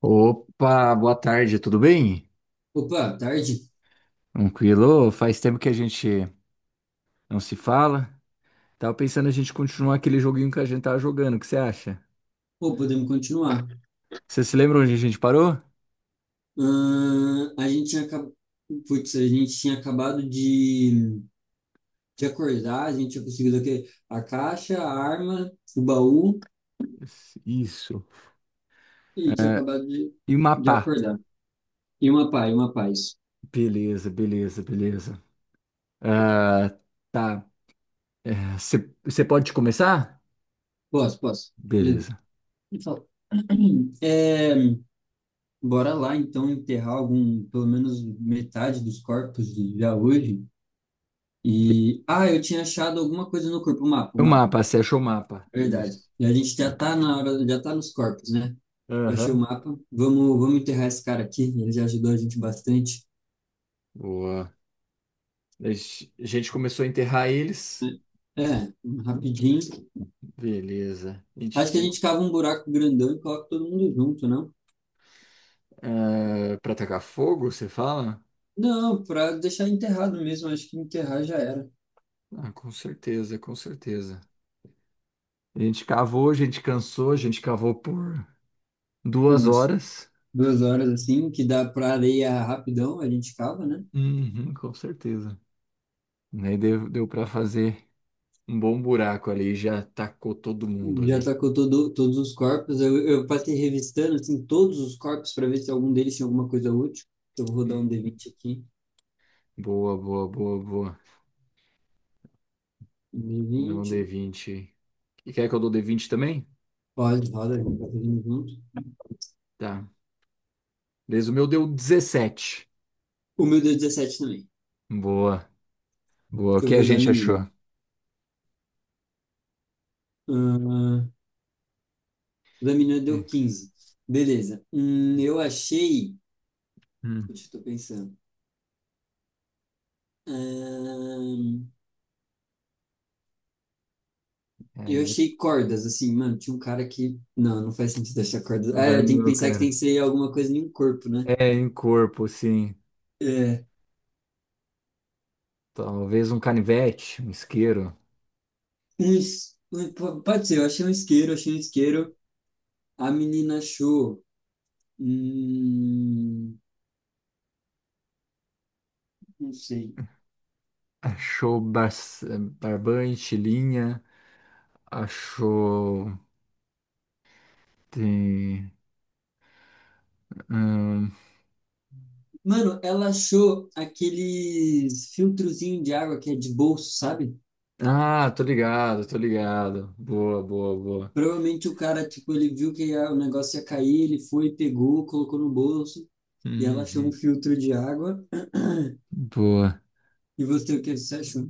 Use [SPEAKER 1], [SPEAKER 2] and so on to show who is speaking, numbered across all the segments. [SPEAKER 1] Opa, boa tarde, tudo bem?
[SPEAKER 2] Opa, tarde?
[SPEAKER 1] Tranquilo? Faz tempo que a gente não se fala. Tava pensando a gente continuar aquele joguinho que a gente tava jogando, o que você acha?
[SPEAKER 2] Pô, podemos continuar.
[SPEAKER 1] Você se lembra onde a gente parou?
[SPEAKER 2] Ahn, a gente tinha, acab- a gente tinha acabado de acordar. A gente tinha conseguido aqui a caixa, a arma, o baú
[SPEAKER 1] Isso. Isso.
[SPEAKER 2] e tinha acabado
[SPEAKER 1] E
[SPEAKER 2] de
[SPEAKER 1] mapar.
[SPEAKER 2] acordar. E uma paz, uma paz.
[SPEAKER 1] Beleza, beleza, beleza. Ah, tá. É, Você você pode começar?
[SPEAKER 2] Posso, posso. Beleza.
[SPEAKER 1] Beleza.
[SPEAKER 2] Ele falou, É, bora lá então enterrar algum, pelo menos metade dos corpos de- já hoje. E eu tinha achado alguma coisa no corpo, o mapa, o
[SPEAKER 1] O
[SPEAKER 2] mapa.
[SPEAKER 1] mapa, você achou o mapa?
[SPEAKER 2] Verdade.
[SPEAKER 1] Isso.
[SPEAKER 2] E a gente já tá na hora, já tá nos corpos, né? Achei o
[SPEAKER 1] Aham.
[SPEAKER 2] mapa. Vamos, vamos enterrar esse cara aqui. Ele já ajudou a gente bastante.
[SPEAKER 1] Boa. A gente começou a enterrar eles.
[SPEAKER 2] É, rapidinho.
[SPEAKER 1] Beleza. A gente
[SPEAKER 2] Acho que a
[SPEAKER 1] tem.
[SPEAKER 2] gente cava um buraco grandão e coloca todo mundo junto, não?
[SPEAKER 1] É, para atacar fogo, você fala?
[SPEAKER 2] Não, pra deixar enterrado mesmo. Acho que enterrar já era.
[SPEAKER 1] Ah, com certeza, com certeza. A gente cavou, a gente cansou, a gente cavou por
[SPEAKER 2] Tem
[SPEAKER 1] duas
[SPEAKER 2] umas
[SPEAKER 1] horas.
[SPEAKER 2] duas horas assim, que dá pra areia rapidão, a gente cava, né?
[SPEAKER 1] Uhum, com certeza. Daí deu para fazer um bom buraco ali, já tacou todo mundo
[SPEAKER 2] Já
[SPEAKER 1] ali.
[SPEAKER 2] tacou todo, todos os corpos. Eu passei revistando assim, todos os corpos para ver se algum deles tinha alguma coisa útil. Então, eu vou rodar
[SPEAKER 1] Uhum.
[SPEAKER 2] um d vinte aqui.
[SPEAKER 1] Boa, boa, boa, boa.
[SPEAKER 2] Um d
[SPEAKER 1] O é um
[SPEAKER 2] vinte.
[SPEAKER 1] d20. E quer que eu dou d20 também?
[SPEAKER 2] Pode, roda, a gente vai fazendo junto.
[SPEAKER 1] Tá. Beleza, o meu deu 17.
[SPEAKER 2] O meu deu 17 também.
[SPEAKER 1] Boa, boa. O
[SPEAKER 2] Deixa eu
[SPEAKER 1] que
[SPEAKER 2] ver
[SPEAKER 1] a
[SPEAKER 2] o da
[SPEAKER 1] gente
[SPEAKER 2] menina.
[SPEAKER 1] achou?
[SPEAKER 2] Ah, o da menina deu quinze. Beleza. Eu achei.
[SPEAKER 1] Hum.
[SPEAKER 2] Deixa eu tô pensando. Ahn, eu
[SPEAKER 1] É,
[SPEAKER 2] achei cordas, assim, mano. Tinha um cara que. Não, não faz sentido achar cordas.
[SPEAKER 1] não
[SPEAKER 2] Ah,
[SPEAKER 1] vai
[SPEAKER 2] é, tem que
[SPEAKER 1] não,
[SPEAKER 2] pensar que tem
[SPEAKER 1] cara.
[SPEAKER 2] que ser alguma coisa em um corpo, né?
[SPEAKER 1] É, em corpo, sim.
[SPEAKER 2] É,
[SPEAKER 1] Talvez um canivete, um isqueiro.
[SPEAKER 2] Pode ser, eu achei um isqueiro, achei um isqueiro. A menina achou. Hum, não sei.
[SPEAKER 1] Achou barbante, linha. Achou. Tem. Hum.
[SPEAKER 2] Mano, ela achou aqueles filtrozinho de água que é de bolso, sabe?
[SPEAKER 1] Ah, tô ligado, tô ligado. Boa, boa, boa.
[SPEAKER 2] Provavelmente o cara, tipo, ele viu que o negócio ia cair, ele foi, pegou, colocou no bolso, e ela achou um
[SPEAKER 1] Uhum.
[SPEAKER 2] filtro de água.
[SPEAKER 1] Boa.
[SPEAKER 2] E você, o que você achou?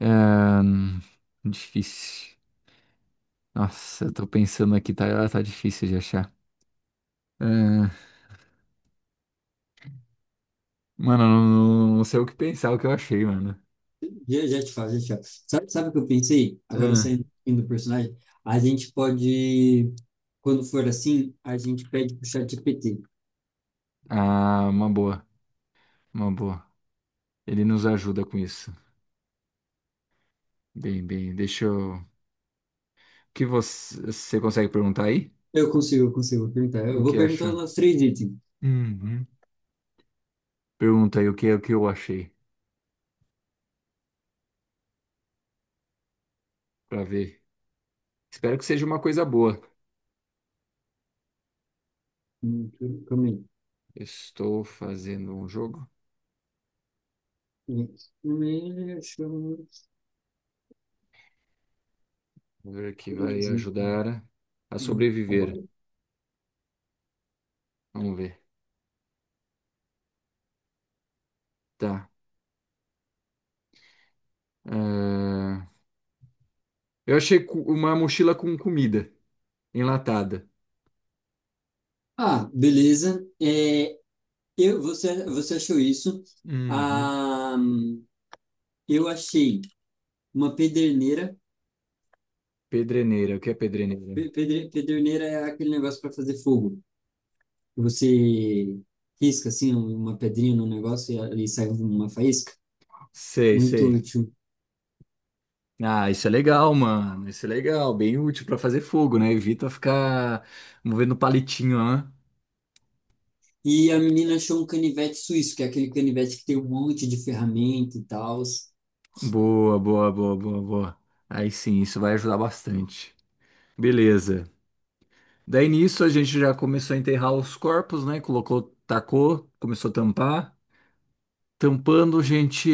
[SPEAKER 1] É, hum, difícil. Nossa, eu tô pensando aqui, tá, tá difícil de achar. É, mano, eu não, não sei o que pensar, o que eu achei, mano.
[SPEAKER 2] Já, já te falo, já te falo. Sabe, sabe o que eu pensei? Agora
[SPEAKER 1] É.
[SPEAKER 2] saindo do personagem, a gente pode, quando for assim, a gente pede pro chat GPT.
[SPEAKER 1] Ah, uma boa, uma boa. Ele nos ajuda com isso. Bem, bem, deixa eu. O que você consegue perguntar aí?
[SPEAKER 2] Eu consigo, eu vou perguntar. Eu
[SPEAKER 1] O
[SPEAKER 2] vou
[SPEAKER 1] que
[SPEAKER 2] perguntar
[SPEAKER 1] achou?
[SPEAKER 2] os nossos três itens.
[SPEAKER 1] Uhum. Pergunta aí o que eu achei, pra ver. Espero que seja uma coisa boa.
[SPEAKER 2] Hum, Calma aí.
[SPEAKER 1] Estou fazendo um jogo,
[SPEAKER 2] Hum, achamos.
[SPEAKER 1] vamos ver que vai
[SPEAKER 2] Entendi.
[SPEAKER 1] ajudar a
[SPEAKER 2] Tá.
[SPEAKER 1] sobreviver. Vamos ver. Tá. Ah, eu achei uma mochila com comida enlatada.
[SPEAKER 2] Ah, beleza. Você, você achou isso?
[SPEAKER 1] Uhum.
[SPEAKER 2] Ah, eu achei uma pederneira.
[SPEAKER 1] Pedreneira, o que é pedreneira?
[SPEAKER 2] Pederneira é aquele negócio para fazer fogo. Que Você risca assim uma pedrinha no negócio e sai uma faísca.
[SPEAKER 1] Sei,
[SPEAKER 2] Muito
[SPEAKER 1] sei.
[SPEAKER 2] útil.
[SPEAKER 1] Ah, isso é legal, mano. Isso é legal, bem útil pra fazer fogo, né? Evita ficar movendo palitinho, né?
[SPEAKER 2] E a menina achou um canivete suíço, que é aquele canivete que tem um monte de ferramenta e tal.
[SPEAKER 1] Boa, boa, boa, boa, boa. Aí sim, isso vai ajudar bastante. Beleza. Daí nisso a gente já começou a enterrar os corpos, né? Colocou, tacou, começou a tampar. Tampando, a gente,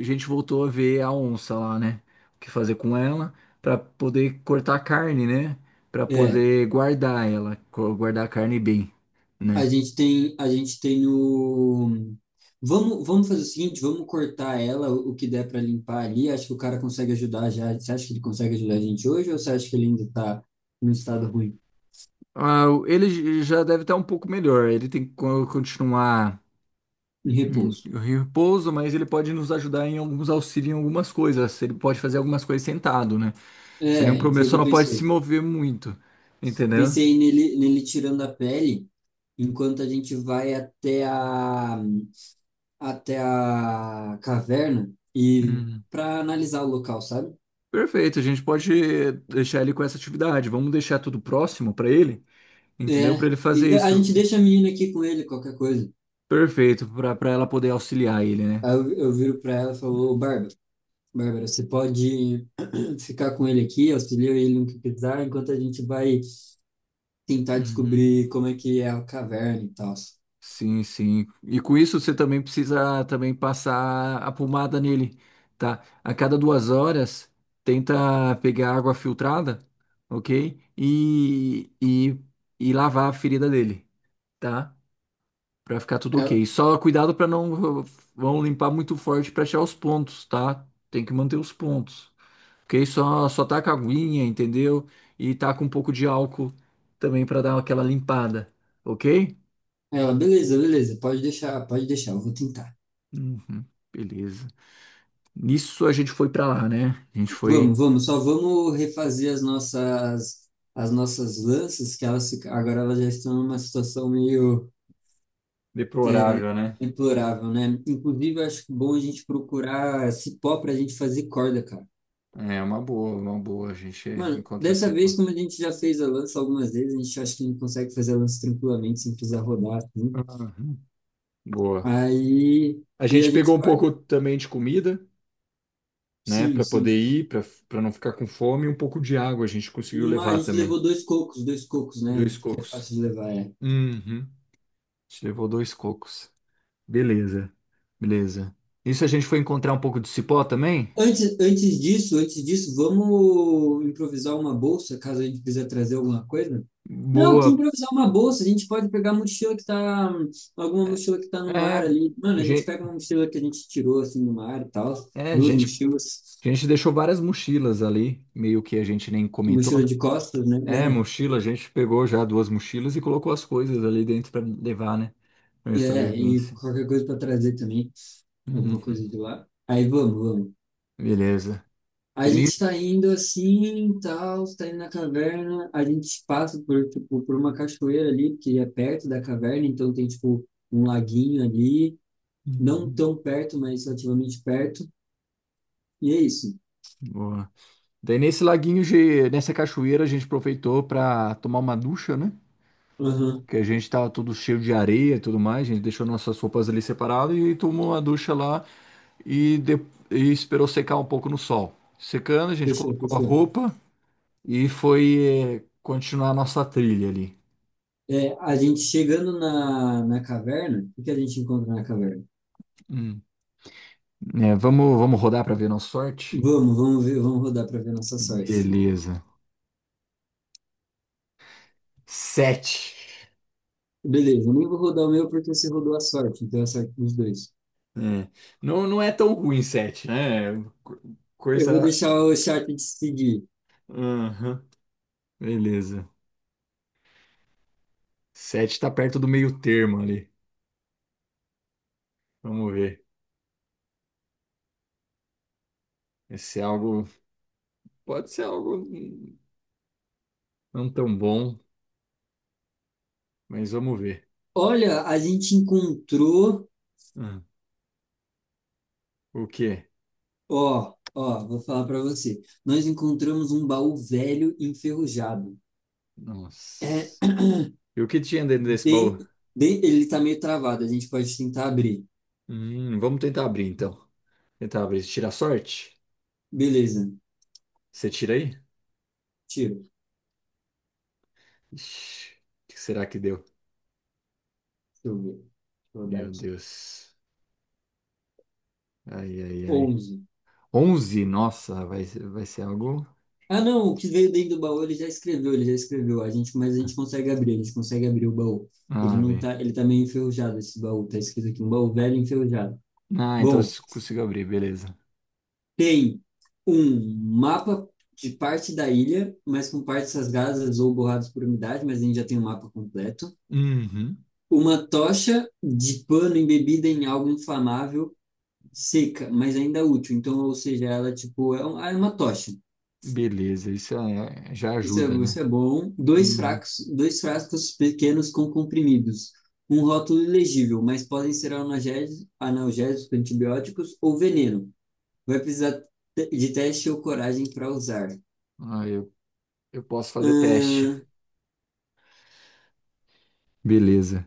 [SPEAKER 1] a gente voltou a ver a onça lá, né? O que fazer com ela pra poder cortar a carne, né? Pra poder guardar ela, guardar a carne bem, né?
[SPEAKER 2] A gente tem o. Vamos, vamos fazer o seguinte, vamos cortar ela, o que der para limpar ali. Acho que o cara consegue ajudar já. Você acha que ele consegue ajudar a gente hoje ou você acha que ele ainda está num estado ruim,
[SPEAKER 1] Ah, ele já deve estar um pouco melhor. Ele tem que continuar
[SPEAKER 2] em
[SPEAKER 1] em
[SPEAKER 2] repouso?
[SPEAKER 1] repouso, mas ele pode nos ajudar em alguns auxílios em algumas coisas. Ele pode fazer algumas coisas sentado, né? Sem nenhum
[SPEAKER 2] É,
[SPEAKER 1] problema,
[SPEAKER 2] foi o que
[SPEAKER 1] só
[SPEAKER 2] eu
[SPEAKER 1] não pode se
[SPEAKER 2] pensei.
[SPEAKER 1] mover muito, entendeu?
[SPEAKER 2] Pensei nele, nele tirando a pele enquanto a gente vai até a caverna e
[SPEAKER 1] Hum.
[SPEAKER 2] para analisar o local, sabe?
[SPEAKER 1] Perfeito, a gente pode deixar ele com essa atividade. Vamos deixar tudo próximo para ele,
[SPEAKER 2] É,
[SPEAKER 1] entendeu? Para ele fazer
[SPEAKER 2] a
[SPEAKER 1] isso.
[SPEAKER 2] gente deixa a menina aqui com ele, qualquer coisa.
[SPEAKER 1] Perfeito, para ela poder auxiliar ele, né?
[SPEAKER 2] Aí eu viro para ela e falo, "Ô, Bárbara, Bárbara, você pode ficar com ele aqui, auxilia ele no que precisar, enquanto a gente vai tentar
[SPEAKER 1] Uhum.
[SPEAKER 2] descobrir como é que é a caverna e tal."
[SPEAKER 1] Sim, sim. E com isso você também precisa também passar a pomada nele, tá? A cada 2 horas, tenta pegar água filtrada, ok? E lavar a ferida dele, tá? Pra ficar tudo
[SPEAKER 2] Ela,
[SPEAKER 1] ok. Só cuidado pra não vão limpar muito forte pra achar os pontos, tá? Tem que manter os pontos, ok? Só taca aguinha, entendeu? E taca um pouco de álcool também pra dar aquela limpada, ok?
[SPEAKER 2] beleza, beleza, pode deixar, eu vou tentar.
[SPEAKER 1] Uhum, beleza. Nisso a gente foi pra lá, né? A gente foi.
[SPEAKER 2] Vamos, vamos, só vamos refazer as nossas lanças, que agora elas já estão numa situação meio é,
[SPEAKER 1] Deplorável, né?
[SPEAKER 2] deplorável, né? Inclusive, eu acho bom a gente procurar cipó para a gente fazer corda, cara.
[SPEAKER 1] É uma boa, uma boa. A gente
[SPEAKER 2] Mano,
[SPEAKER 1] encontra assim.
[SPEAKER 2] dessa vez, como a gente já fez a lança algumas vezes, a gente acha que a gente consegue fazer a lança tranquilamente, sem precisar rodar, assim.
[SPEAKER 1] Uhum. Boa.
[SPEAKER 2] Aí,
[SPEAKER 1] A
[SPEAKER 2] e a
[SPEAKER 1] gente pegou
[SPEAKER 2] gente
[SPEAKER 1] um
[SPEAKER 2] vai.
[SPEAKER 1] pouco também de comida, né,
[SPEAKER 2] Sim,
[SPEAKER 1] pra poder
[SPEAKER 2] sim.
[SPEAKER 1] ir, pra para não ficar com fome, e um pouco de água a gente conseguiu
[SPEAKER 2] A
[SPEAKER 1] levar
[SPEAKER 2] gente
[SPEAKER 1] também.
[SPEAKER 2] levou dois cocos, né?
[SPEAKER 1] Dois
[SPEAKER 2] Porque é
[SPEAKER 1] cocos.
[SPEAKER 2] fácil de levar, é.
[SPEAKER 1] Uhum. A gente levou dois cocos. Beleza, beleza. Isso a gente foi encontrar um pouco de cipó também?
[SPEAKER 2] Antes, antes disso, vamos improvisar uma bolsa, caso a gente precise trazer alguma coisa? Não, que
[SPEAKER 1] Boa.
[SPEAKER 2] improvisar uma bolsa, a gente pode pegar a mochila que tá, alguma
[SPEAKER 1] É,
[SPEAKER 2] mochila que tá no
[SPEAKER 1] é,
[SPEAKER 2] mar ali. Mano,
[SPEAKER 1] a
[SPEAKER 2] a gente
[SPEAKER 1] gente,
[SPEAKER 2] pega uma mochila que a gente tirou, assim, no mar e tal,
[SPEAKER 1] é, a
[SPEAKER 2] duas
[SPEAKER 1] gente
[SPEAKER 2] mochilas.
[SPEAKER 1] A gente deixou várias mochilas ali, meio que a gente nem comentou,
[SPEAKER 2] Mochila
[SPEAKER 1] né?
[SPEAKER 2] de costas, né?
[SPEAKER 1] É, mochila, a gente pegou já duas mochilas e colocou as coisas ali dentro para levar, né? Pra
[SPEAKER 2] É, é, e
[SPEAKER 1] sobrevivência.
[SPEAKER 2] qualquer coisa para trazer também, alguma
[SPEAKER 1] Uhum.
[SPEAKER 2] coisa de lá. Aí vamos, vamos.
[SPEAKER 1] Beleza.
[SPEAKER 2] A
[SPEAKER 1] Daí, ni-
[SPEAKER 2] gente tá indo assim, tal, tá indo na caverna, a gente passa por, tipo, por uma cachoeira ali, que é perto da caverna, então tem, tipo, um laguinho ali, não
[SPEAKER 1] Uhum.
[SPEAKER 2] tão perto, mas relativamente perto, e é isso.
[SPEAKER 1] Boa. Daí nesse laguinho, nessa cachoeira, a gente aproveitou para tomar uma ducha, né?
[SPEAKER 2] Aham,
[SPEAKER 1] Que a gente tava todo cheio de areia e tudo mais, a gente deixou nossas roupas ali separadas e tomou uma ducha lá e, e esperou secar um pouco no sol. Secando, a gente
[SPEAKER 2] fechou,
[SPEAKER 1] colocou a
[SPEAKER 2] fechou.
[SPEAKER 1] roupa. E foi é, continuar a nossa trilha ali.
[SPEAKER 2] É, a gente chegando na caverna, o que que a gente encontra na caverna?
[SPEAKER 1] Hum. É, vamos, vamos rodar para ver nossa sorte?
[SPEAKER 2] Vamos, vamos ver, vamos rodar para ver nossa sorte.
[SPEAKER 1] Beleza. Sete.
[SPEAKER 2] Beleza, eu nem vou rodar o meu porque você rodou a sorte, então é a sorte dos dois.
[SPEAKER 1] É. Não, não é tão ruim sete, né? Co-
[SPEAKER 2] Eu vou
[SPEAKER 1] Coisa.
[SPEAKER 2] deixar o chat decidir.
[SPEAKER 1] Aham. Beleza. Sete tá perto do meio termo ali. Vamos ver. Esse é algo. Pode ser algo não tão bom, mas vamos ver.
[SPEAKER 2] Olha, a gente encontrou,
[SPEAKER 1] Hum. O quê?
[SPEAKER 2] ó, ó, vou falar para você. Nós encontramos um baú velho enferrujado. É
[SPEAKER 1] Nossa. E o que tinha dentro desse baú?
[SPEAKER 2] bem, bem, ele tá meio travado, a gente pode tentar abrir.
[SPEAKER 1] Vamos tentar abrir então. Tentar abrir. Tirar sorte?
[SPEAKER 2] Beleza,
[SPEAKER 1] Você tira aí?
[SPEAKER 2] tiro.
[SPEAKER 1] Ixi, o que será que deu?
[SPEAKER 2] Deixa eu ver. Deixa eu rodar
[SPEAKER 1] Meu
[SPEAKER 2] aqui.
[SPEAKER 1] Deus. Ai, ai, ai.
[SPEAKER 2] Onze.
[SPEAKER 1] 11. Nossa, vai ser algo.
[SPEAKER 2] Ah, não, o que veio dentro do baú ele já escreveu, ele já escreveu. A gente, mas a gente consegue abrir, a gente consegue abrir o baú. Ele
[SPEAKER 1] Ah,
[SPEAKER 2] não
[SPEAKER 1] bem.
[SPEAKER 2] tá, ele tá meio enferrujado esse baú, tá escrito aqui, um baú velho enferrujado.
[SPEAKER 1] Ah, então eu
[SPEAKER 2] Bom,
[SPEAKER 1] consigo abrir, beleza.
[SPEAKER 2] tem um mapa de parte da ilha, mas com partes rasgadas ou borradas por umidade, mas a gente já tem um mapa completo.
[SPEAKER 1] Uhum.
[SPEAKER 2] Uma tocha de pano embebida em algo inflamável, seca, mas ainda útil. Então, ou seja, ela tipo é um- é uma tocha.
[SPEAKER 1] Beleza, isso é- já ajuda, né?
[SPEAKER 2] Isso é bom.
[SPEAKER 1] Uhum.
[SPEAKER 2] Dois frascos pequenos com comprimidos. Um rótulo ilegível, mas podem ser analgésicos, analgésicos, antibióticos ou veneno. Vai precisar de teste ou coragem para usar.
[SPEAKER 1] Ah, eu, eu posso fazer teste.
[SPEAKER 2] ah,
[SPEAKER 1] Beleza.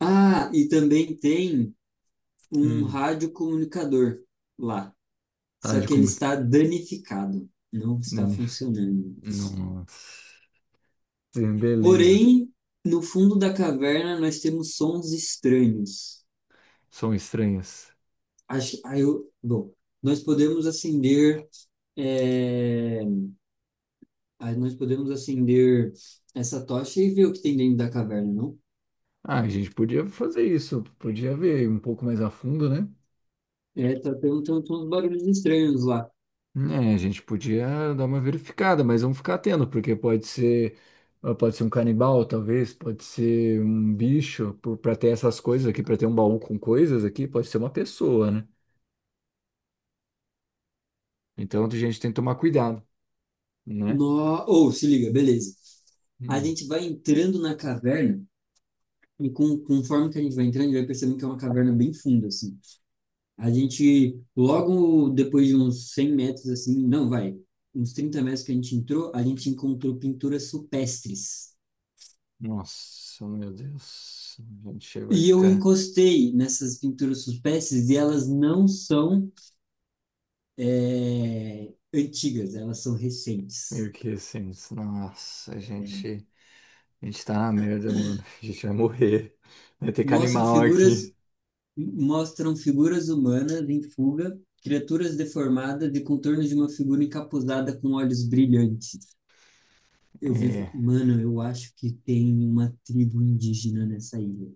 [SPEAKER 2] e também tem um
[SPEAKER 1] Hum.
[SPEAKER 2] radiocomunicador lá.
[SPEAKER 1] Tá
[SPEAKER 2] Só
[SPEAKER 1] de
[SPEAKER 2] que ele
[SPEAKER 1] como.
[SPEAKER 2] está danificado. Não está
[SPEAKER 1] Dani.
[SPEAKER 2] funcionando.
[SPEAKER 1] Nossa. Sim, beleza.
[SPEAKER 2] Porém, no fundo da caverna nós temos sons estranhos.
[SPEAKER 1] São estranhas.
[SPEAKER 2] Bom, nós podemos acender, é, aí nós podemos acender essa tocha e ver o que tem dentro da caverna, não?
[SPEAKER 1] Ah, a gente podia fazer isso, podia ver um pouco mais a fundo, né?
[SPEAKER 2] É, tendo uns barulhos estranhos lá.
[SPEAKER 1] É, a gente podia dar uma verificada, mas vamos ficar atento, porque pode ser, ah, pode ser um canibal, talvez, pode ser um bicho, para ter essas coisas aqui, para ter um baú com coisas aqui, pode ser uma pessoa, né? Então a gente tem que tomar cuidado, né?
[SPEAKER 2] No... Ou, se liga, beleza. A
[SPEAKER 1] Hum.
[SPEAKER 2] gente vai entrando na caverna conforme que a gente vai entrando, a gente vai percebendo que é uma caverna bem funda, assim. A gente, logo depois de uns 100 metros, assim, não, vai, Uns 30 metros que a gente entrou, a gente encontrou pinturas supestres.
[SPEAKER 1] Nossa, meu Deus, a gente vai
[SPEAKER 2] E eu
[SPEAKER 1] ficar
[SPEAKER 2] encostei nessas pinturas suspensas e elas não são antigas, elas são recentes.
[SPEAKER 1] meio que assim, nossa, a gente tá na merda, mano, a gente vai morrer, vai ter que
[SPEAKER 2] Mostram
[SPEAKER 1] animal
[SPEAKER 2] figuras,
[SPEAKER 1] aqui.
[SPEAKER 2] mostram figuras humanas em fuga, criaturas deformadas e contornos de uma figura encapuzada com olhos brilhantes. Eu vi,
[SPEAKER 1] É,
[SPEAKER 2] mano, eu acho que tem uma tribo indígena nessa ilha.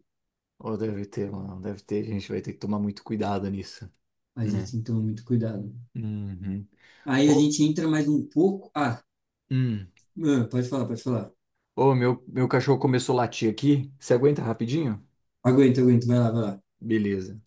[SPEAKER 1] ou deve ter, mano, deve ter, a gente vai ter que tomar muito cuidado nisso.
[SPEAKER 2] A gente
[SPEAKER 1] Né?
[SPEAKER 2] tem que tomar muito cuidado.
[SPEAKER 1] Uhum.
[SPEAKER 2] Aí a
[SPEAKER 1] Ô,
[SPEAKER 2] gente entra mais um pouco. Ah,
[SPEAKER 1] hum.
[SPEAKER 2] mano, pode falar, pode falar.
[SPEAKER 1] Ô, meu cachorro começou a latir aqui. Você aguenta rapidinho?
[SPEAKER 2] Aguenta, aguenta, vai lá, vai lá.
[SPEAKER 1] Beleza.